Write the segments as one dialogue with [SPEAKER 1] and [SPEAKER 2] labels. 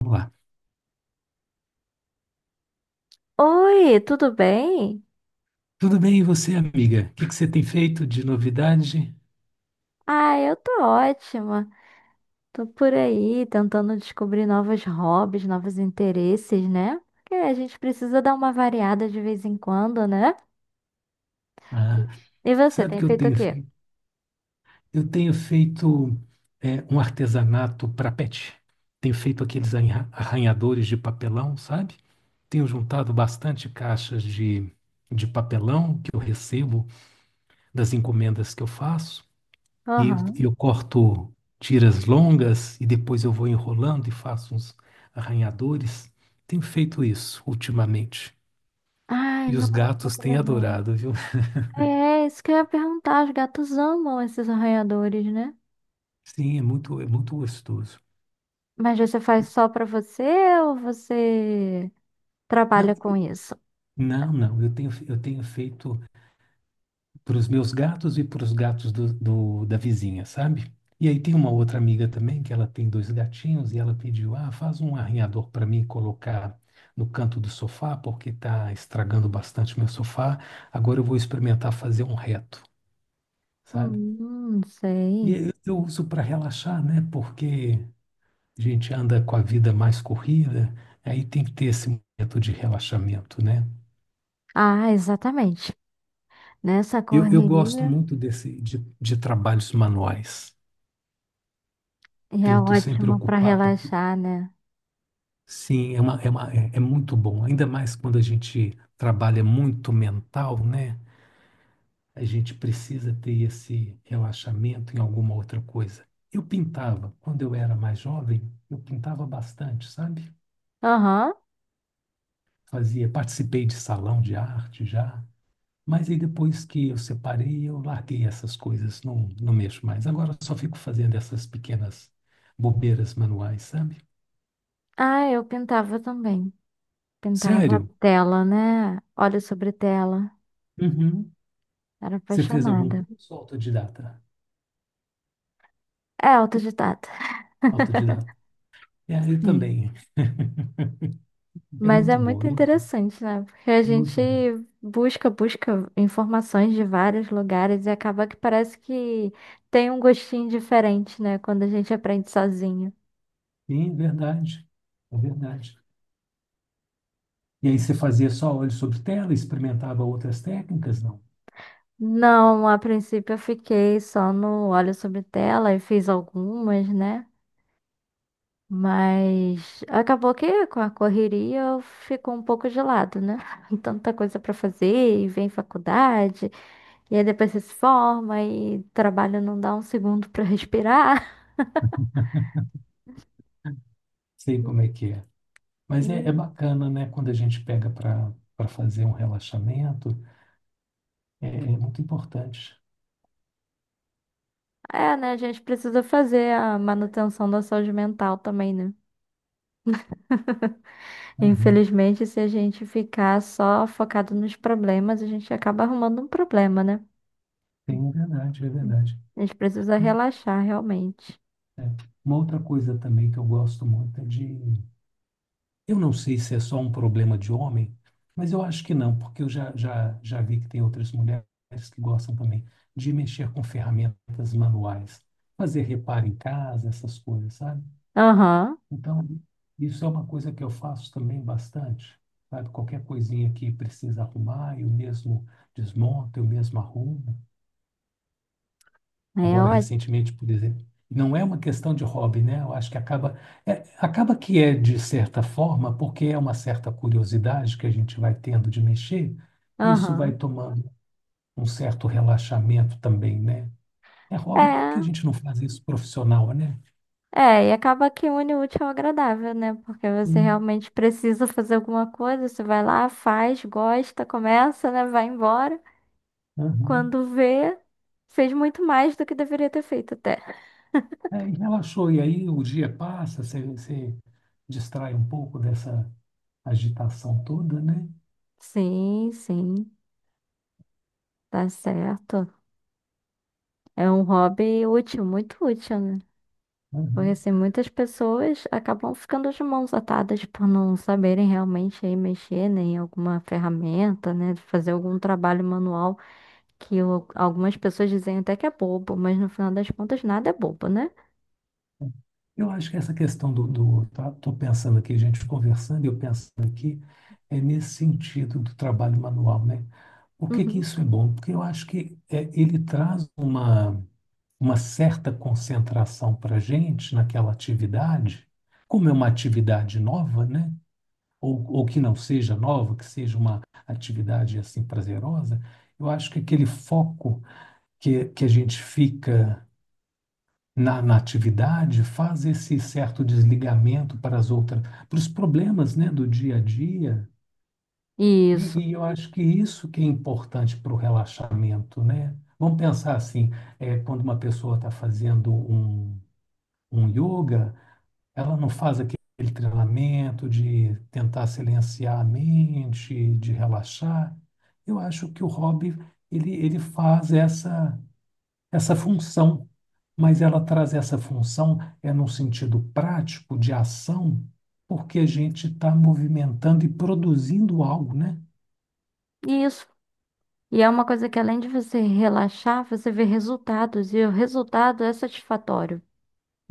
[SPEAKER 1] Vamos lá.
[SPEAKER 2] Oi, tudo bem?
[SPEAKER 1] Tudo bem, e você, amiga? O que que você tem feito de novidade?
[SPEAKER 2] Ah, eu tô ótima. Tô por aí tentando descobrir novos hobbies, novos interesses, né? Porque a gente precisa dar uma variada de vez em quando, né?
[SPEAKER 1] Ah,
[SPEAKER 2] E você,
[SPEAKER 1] sabe o
[SPEAKER 2] tem
[SPEAKER 1] que eu
[SPEAKER 2] feito o
[SPEAKER 1] tenho
[SPEAKER 2] quê?
[SPEAKER 1] feito? Eu tenho feito um artesanato para pet. Tenho feito aqueles arranhadores de papelão, sabe? Tenho juntado bastante caixas de papelão que eu recebo das encomendas que eu faço. E eu,
[SPEAKER 2] Aham.
[SPEAKER 1] eu corto tiras longas e depois eu vou enrolando e faço uns arranhadores. Tenho feito isso ultimamente.
[SPEAKER 2] Ai,
[SPEAKER 1] E os
[SPEAKER 2] nossa,
[SPEAKER 1] gatos
[SPEAKER 2] que
[SPEAKER 1] têm
[SPEAKER 2] legal.
[SPEAKER 1] adorado, viu?
[SPEAKER 2] É, isso que eu ia perguntar. Os gatos amam esses arranhadores, né?
[SPEAKER 1] Sim, é muito gostoso.
[SPEAKER 2] Mas você faz só pra você ou você
[SPEAKER 1] Não,
[SPEAKER 2] trabalha com isso?
[SPEAKER 1] não, não. Eu tenho feito para os meus gatos e para os gatos da vizinha, sabe? E aí tem uma outra amiga também que ela tem dois gatinhos e ela pediu, ah, faz um arranhador para mim colocar no canto do sofá porque está estragando bastante meu sofá. Agora eu vou experimentar fazer um reto, sabe? E
[SPEAKER 2] Sei.
[SPEAKER 1] eu uso para relaxar, né? Porque a gente anda com a vida mais corrida, aí tem que ter esse momento de relaxamento, né?
[SPEAKER 2] Ah, exatamente. Nessa
[SPEAKER 1] Eu gosto
[SPEAKER 2] correria.
[SPEAKER 1] muito de trabalhos manuais.
[SPEAKER 2] E é
[SPEAKER 1] Tento sempre
[SPEAKER 2] ótimo para
[SPEAKER 1] ocupar, porque
[SPEAKER 2] relaxar, né?
[SPEAKER 1] sim, é muito bom. Ainda mais quando a gente trabalha muito mental, né? A gente precisa ter esse relaxamento em alguma outra coisa. Eu pintava, quando eu era mais jovem, eu pintava bastante, sabe?
[SPEAKER 2] Aham.
[SPEAKER 1] Fazia, participei de salão de arte já. Mas aí depois que eu separei, eu larguei essas coisas, não, não mexo mais. Agora eu só fico fazendo essas pequenas bobeiras manuais, sabe?
[SPEAKER 2] Ah, eu pintava também. Pintava
[SPEAKER 1] Sério?
[SPEAKER 2] tela, né? Olho sobre tela.
[SPEAKER 1] Uhum.
[SPEAKER 2] Era
[SPEAKER 1] Você fez algum
[SPEAKER 2] apaixonada.
[SPEAKER 1] curso autodidata?
[SPEAKER 2] É autodidata.
[SPEAKER 1] Autodidata. É, eu
[SPEAKER 2] Sim.
[SPEAKER 1] também. É
[SPEAKER 2] Mas é
[SPEAKER 1] muito bom,
[SPEAKER 2] muito interessante, né? Porque a
[SPEAKER 1] é
[SPEAKER 2] gente
[SPEAKER 1] muito bom.
[SPEAKER 2] busca informações de vários lugares e acaba que parece que tem um gostinho diferente, né? Quando a gente aprende sozinho.
[SPEAKER 1] Sim, é verdade. É verdade. E aí você fazia só olho sobre tela, experimentava outras técnicas? Não
[SPEAKER 2] Não, a princípio eu fiquei só no olho sobre tela e fiz algumas, né? Mas acabou que com a correria eu fico um pouco de lado, né? Tanta coisa para fazer, e vem faculdade, e aí depois você se forma, e trabalho não dá um segundo para respirar.
[SPEAKER 1] sei como é que é.
[SPEAKER 2] E
[SPEAKER 1] Mas é bacana, né? Quando a gente pega para fazer um relaxamento, é muito importante.
[SPEAKER 2] é, né? A gente precisa fazer a manutenção da saúde mental também, né?
[SPEAKER 1] Uhum.
[SPEAKER 2] Infelizmente, se a gente ficar só focado nos problemas, a gente acaba arrumando um problema, né?
[SPEAKER 1] Tem, é verdade, é verdade.
[SPEAKER 2] A gente precisa relaxar realmente.
[SPEAKER 1] Uma outra coisa também que eu gosto muito é de. Eu não sei se é só um problema de homem, mas eu acho que não, porque eu já vi que tem outras mulheres que gostam também de mexer com ferramentas manuais, fazer reparo em casa, essas coisas, sabe?
[SPEAKER 2] Aham,
[SPEAKER 1] Então, isso é uma coisa que eu faço também bastante, sabe? Qualquer coisinha que precisa arrumar, eu mesmo desmonto, eu mesmo arrumo. Agora
[SPEAKER 2] é
[SPEAKER 1] recentemente, por exemplo. Não é uma questão de hobby, né? Eu acho que acaba, acaba que é de certa forma, porque é uma certa curiosidade que a gente vai tendo de mexer, isso vai
[SPEAKER 2] ótimo.
[SPEAKER 1] tomando um certo relaxamento também, né? É hobby porque a
[SPEAKER 2] É,
[SPEAKER 1] gente não faz isso profissional, né?
[SPEAKER 2] e acaba que une o útil ao agradável, né? Porque você
[SPEAKER 1] Sim.
[SPEAKER 2] realmente precisa fazer alguma coisa, você vai lá, faz, gosta, começa, né? Vai embora.
[SPEAKER 1] Uhum.
[SPEAKER 2] Quando vê, fez muito mais do que deveria ter feito até.
[SPEAKER 1] É, e relaxou, e aí o dia passa, você distrai um pouco dessa agitação toda, né?
[SPEAKER 2] Sim, sim, tá certo. É um hobby útil, muito útil, né? Porque
[SPEAKER 1] Uhum.
[SPEAKER 2] assim, muitas pessoas acabam ficando de mãos atadas por não saberem realmente aí mexer, né, em alguma ferramenta, né? Fazer algum trabalho manual. Que o- algumas pessoas dizem até que é bobo, mas no final das contas nada é bobo, né?
[SPEAKER 1] Eu acho que essa questão do, do tá, tô pensando aqui, gente conversando, eu pensando aqui, é nesse sentido do trabalho manual, né? Por que que
[SPEAKER 2] Uhum.
[SPEAKER 1] isso é bom? Porque eu acho que ele traz uma certa concentração para a gente naquela atividade, como é uma atividade nova, né? Ou que não seja nova, que seja uma atividade assim prazerosa, eu acho que aquele foco que a gente fica na atividade faz esse certo desligamento para as outras, para os problemas, né, do dia a dia. E,
[SPEAKER 2] Isso,
[SPEAKER 1] e eu acho que isso que é importante para o relaxamento, né? Vamos pensar assim, quando uma pessoa está fazendo um yoga, ela não faz aquele treinamento de tentar silenciar a mente, de relaxar. Eu acho que o hobby, ele faz essa função, mas ela traz essa função é num sentido prático de ação, porque a gente está movimentando e produzindo algo, né?
[SPEAKER 2] isso. E é uma coisa que além de você relaxar, você vê resultados, e o resultado é satisfatório,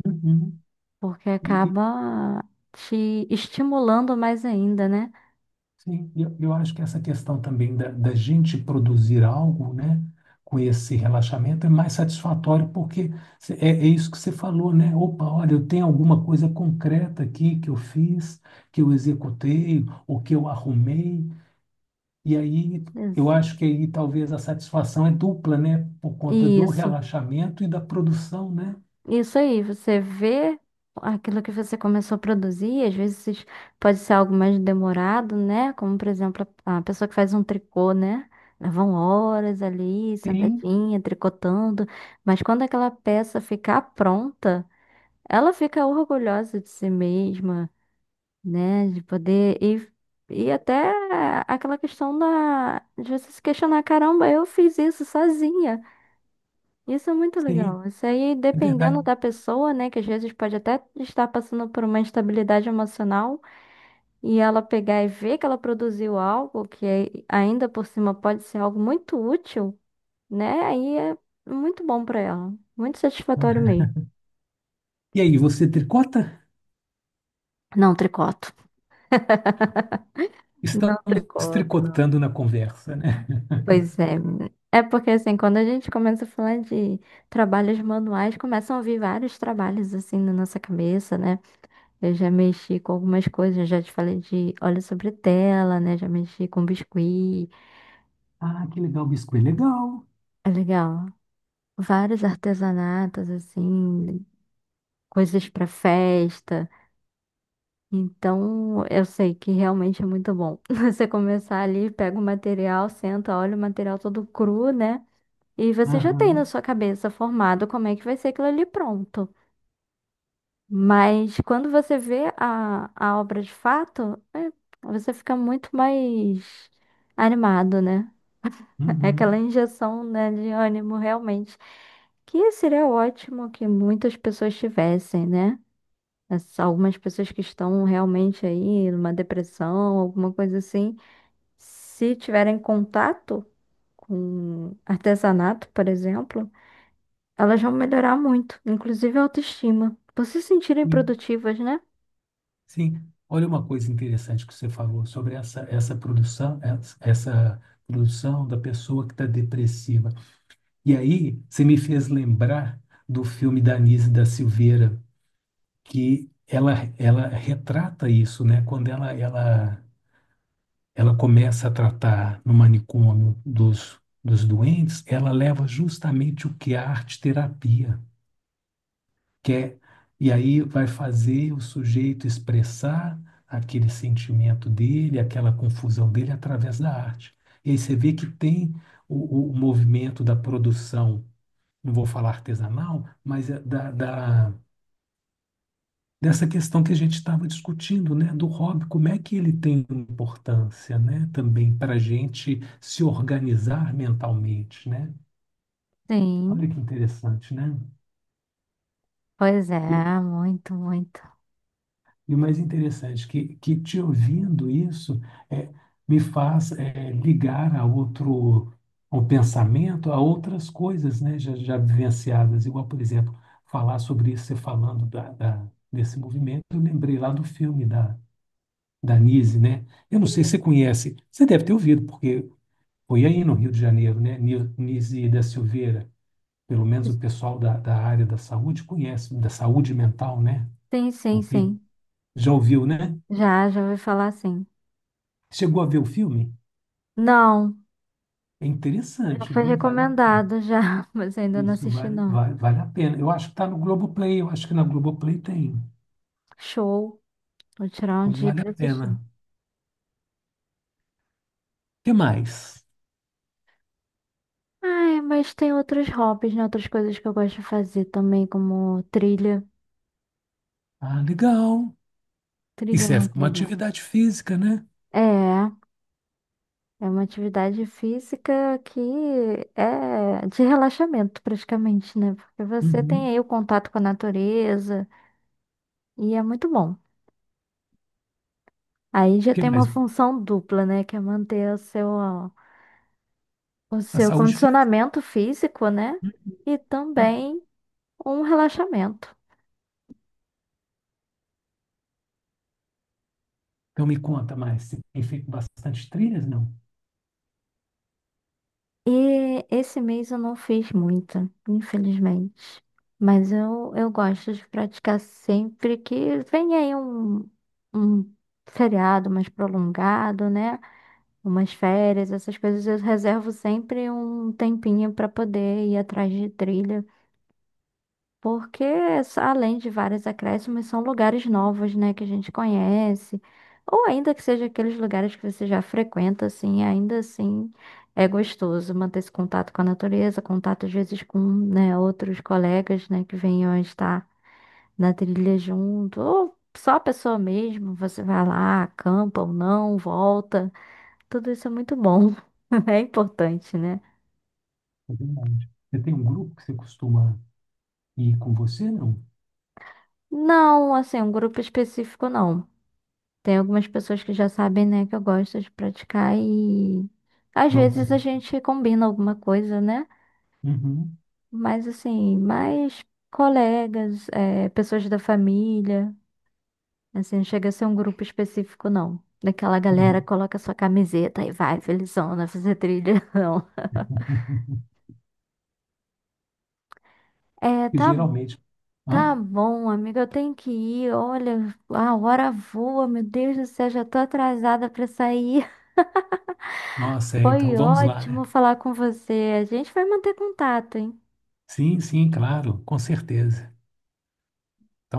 [SPEAKER 1] Uhum.
[SPEAKER 2] porque
[SPEAKER 1] E, e,
[SPEAKER 2] acaba te estimulando mais ainda, né?
[SPEAKER 1] sim, eu acho que essa questão também da gente produzir algo, né, com esse relaxamento é mais satisfatório, porque é isso que você falou, né? Opa, olha, eu tenho alguma coisa concreta aqui que eu fiz, que eu executei, ou que eu arrumei. E aí eu
[SPEAKER 2] Ex-
[SPEAKER 1] acho que aí talvez a satisfação é dupla, né? Por conta do
[SPEAKER 2] Isso.
[SPEAKER 1] relaxamento e da produção, né?
[SPEAKER 2] Isso aí, você vê aquilo que você começou a produzir, às vezes pode ser algo mais demorado, né? Como, por exemplo, a pessoa que faz um tricô, né? Levam horas ali,
[SPEAKER 1] Sim.
[SPEAKER 2] sentadinha, tricotando, mas quando aquela peça ficar pronta, ela fica orgulhosa de si mesma, né? De poder e E até aquela questão da, de você se questionar, caramba, eu fiz isso sozinha. Isso é muito
[SPEAKER 1] Sim,
[SPEAKER 2] legal. Isso aí,
[SPEAKER 1] é
[SPEAKER 2] dependendo
[SPEAKER 1] verdade.
[SPEAKER 2] da pessoa, né, que às vezes pode até estar passando por uma instabilidade emocional e ela pegar e ver que ela produziu algo que é- ainda por cima pode ser algo muito útil, né? Aí é muito bom pra ela. Muito satisfatório
[SPEAKER 1] Aham.
[SPEAKER 2] mesmo.
[SPEAKER 1] E aí, você tricota?
[SPEAKER 2] Não, tricoto. Não
[SPEAKER 1] Estamos
[SPEAKER 2] tricoto, não.
[SPEAKER 1] tricotando na conversa, né?
[SPEAKER 2] Pois é. É porque assim, quando a gente começa a falar de trabalhos manuais, começam a vir vários trabalhos assim na nossa cabeça, né? Eu já mexi com algumas coisas, já te falei de óleo sobre tela, né? Já mexi com biscuit.
[SPEAKER 1] Ah, que legal, biscoito. Legal.
[SPEAKER 2] É legal. Vários artesanatos, assim, coisas para festa. Então, eu sei que realmente é muito bom. Você começar ali, pega o material, senta, olha o material todo cru, né? E você já tem na
[SPEAKER 1] Aham,
[SPEAKER 2] sua cabeça formado como é que vai ser aquilo ali pronto. Mas quando você vê a obra de fato, é, você fica muito mais animado, né? É aquela
[SPEAKER 1] uhum.
[SPEAKER 2] injeção, né, de ânimo, realmente. Que seria ótimo que muitas pessoas tivessem, né? As- Algumas pessoas que estão realmente aí numa depressão, alguma coisa assim, se tiverem contato com artesanato, por exemplo, elas vão melhorar muito, inclusive a autoestima, por se sentirem
[SPEAKER 1] Sim,
[SPEAKER 2] produtivas, né?
[SPEAKER 1] sim. Olha uma coisa interessante que você falou sobre essa produção, essa produção da pessoa que está depressiva. E aí, você me fez lembrar do filme da Anísia da Silveira, que ela retrata isso, né? Quando ela começa a tratar no manicômio dos doentes, ela leva justamente o que é a arte-terapia, que é, e aí vai fazer o sujeito expressar aquele sentimento dele, aquela confusão dele através da arte. E aí você vê que tem o movimento da produção, não vou falar artesanal, mas é da, da dessa questão que a gente estava discutindo, né, do hobby, como é que ele tem importância, né, também para a gente se organizar mentalmente, né?
[SPEAKER 2] Sim,
[SPEAKER 1] Olha que interessante, né?
[SPEAKER 2] pois
[SPEAKER 1] E,
[SPEAKER 2] é, muito, muito.
[SPEAKER 1] e o mais interessante que te ouvindo isso é, me faz ligar a outro ao pensamento, a outras coisas, né, já vivenciadas, igual, por exemplo, falar sobre isso, você falando desse movimento, eu lembrei lá do filme da Nise, né? Eu não sei se
[SPEAKER 2] Isso.
[SPEAKER 1] você conhece, você deve ter ouvido, porque foi aí no Rio de Janeiro, né? Nise da Silveira, pelo menos o pessoal da área da saúde conhece, da saúde mental, né?
[SPEAKER 2] Sim, sim,
[SPEAKER 1] Não tem,
[SPEAKER 2] sim.
[SPEAKER 1] já ouviu, né?
[SPEAKER 2] Já, já ouvi falar, sim.
[SPEAKER 1] Chegou a ver o filme?
[SPEAKER 2] Não.
[SPEAKER 1] É
[SPEAKER 2] Já
[SPEAKER 1] interessante,
[SPEAKER 2] foi
[SPEAKER 1] viu? Vale a pena.
[SPEAKER 2] recomendado já, mas ainda não
[SPEAKER 1] Isso
[SPEAKER 2] assisti
[SPEAKER 1] vale,
[SPEAKER 2] não.
[SPEAKER 1] vale, vale a pena. Eu acho que está no Globoplay, eu acho que na Globoplay tem.
[SPEAKER 2] Show. Vou tirar um
[SPEAKER 1] Pois
[SPEAKER 2] dia
[SPEAKER 1] vale a
[SPEAKER 2] pra assistir.
[SPEAKER 1] pena. O que mais?
[SPEAKER 2] Ai, mas tem outros hobbies, né? Outras coisas que eu gosto de fazer também, como trilha.
[SPEAKER 1] Ah, legal. E
[SPEAKER 2] Trilha é
[SPEAKER 1] serve
[SPEAKER 2] muito
[SPEAKER 1] para uma
[SPEAKER 2] legal.
[SPEAKER 1] atividade física, né?
[SPEAKER 2] É, é uma atividade física que é de relaxamento praticamente, né? Porque você tem
[SPEAKER 1] Uhum.
[SPEAKER 2] aí o
[SPEAKER 1] O
[SPEAKER 2] contato com a natureza e é muito bom. Aí já
[SPEAKER 1] que
[SPEAKER 2] tem uma
[SPEAKER 1] mais?
[SPEAKER 2] função dupla, né? Que é manter o
[SPEAKER 1] A
[SPEAKER 2] seu
[SPEAKER 1] saúde física.
[SPEAKER 2] condicionamento físico, né? E
[SPEAKER 1] Uhum.
[SPEAKER 2] também um relaxamento.
[SPEAKER 1] Então me conta mais, você tem feito bastante trilhas, não?
[SPEAKER 2] E esse mês eu não fiz muita, infelizmente. Mas eu gosto de praticar sempre que vem aí um feriado mais prolongado, né? Umas férias, essas coisas, eu reservo sempre um tempinho para poder ir atrás de trilha. Porque, s- além de vários acréscimos, são lugares novos, né, que a gente conhece. Ou ainda que seja aqueles lugares que você já frequenta, assim, ainda assim é gostoso manter esse contato com a natureza, contato às vezes com, né, outros colegas, né, que venham a estar na trilha junto, ou só a pessoa mesmo, você vai lá, acampa ou não, volta. Tudo isso é muito bom. É importante, né?
[SPEAKER 1] É verdade. Você tem um grupo que você costuma ir com você, não?
[SPEAKER 2] Não, assim, um grupo específico não. Tem algumas pessoas que já sabem, né, que eu gosto de praticar e às
[SPEAKER 1] Vão com...
[SPEAKER 2] vezes a gente combina alguma coisa, né?
[SPEAKER 1] Uhum,
[SPEAKER 2] Mas assim, mais colegas, pessoas da família, assim, não chega a ser um grupo específico, não. Daquela galera que
[SPEAKER 1] uhum.
[SPEAKER 2] coloca sua camiseta e vai, felizona, fazer trilha, não. É,
[SPEAKER 1] E
[SPEAKER 2] tá,
[SPEAKER 1] geralmente... Hã?
[SPEAKER 2] tá bom, amiga, eu tenho que ir. Olha, a hora voa, meu Deus do céu, já tô atrasada pra sair.
[SPEAKER 1] Nossa, então
[SPEAKER 2] Foi
[SPEAKER 1] vamos lá, né?
[SPEAKER 2] ótimo falar com você. A gente vai manter contato, hein?
[SPEAKER 1] Sim, sim, claro, com certeza. Então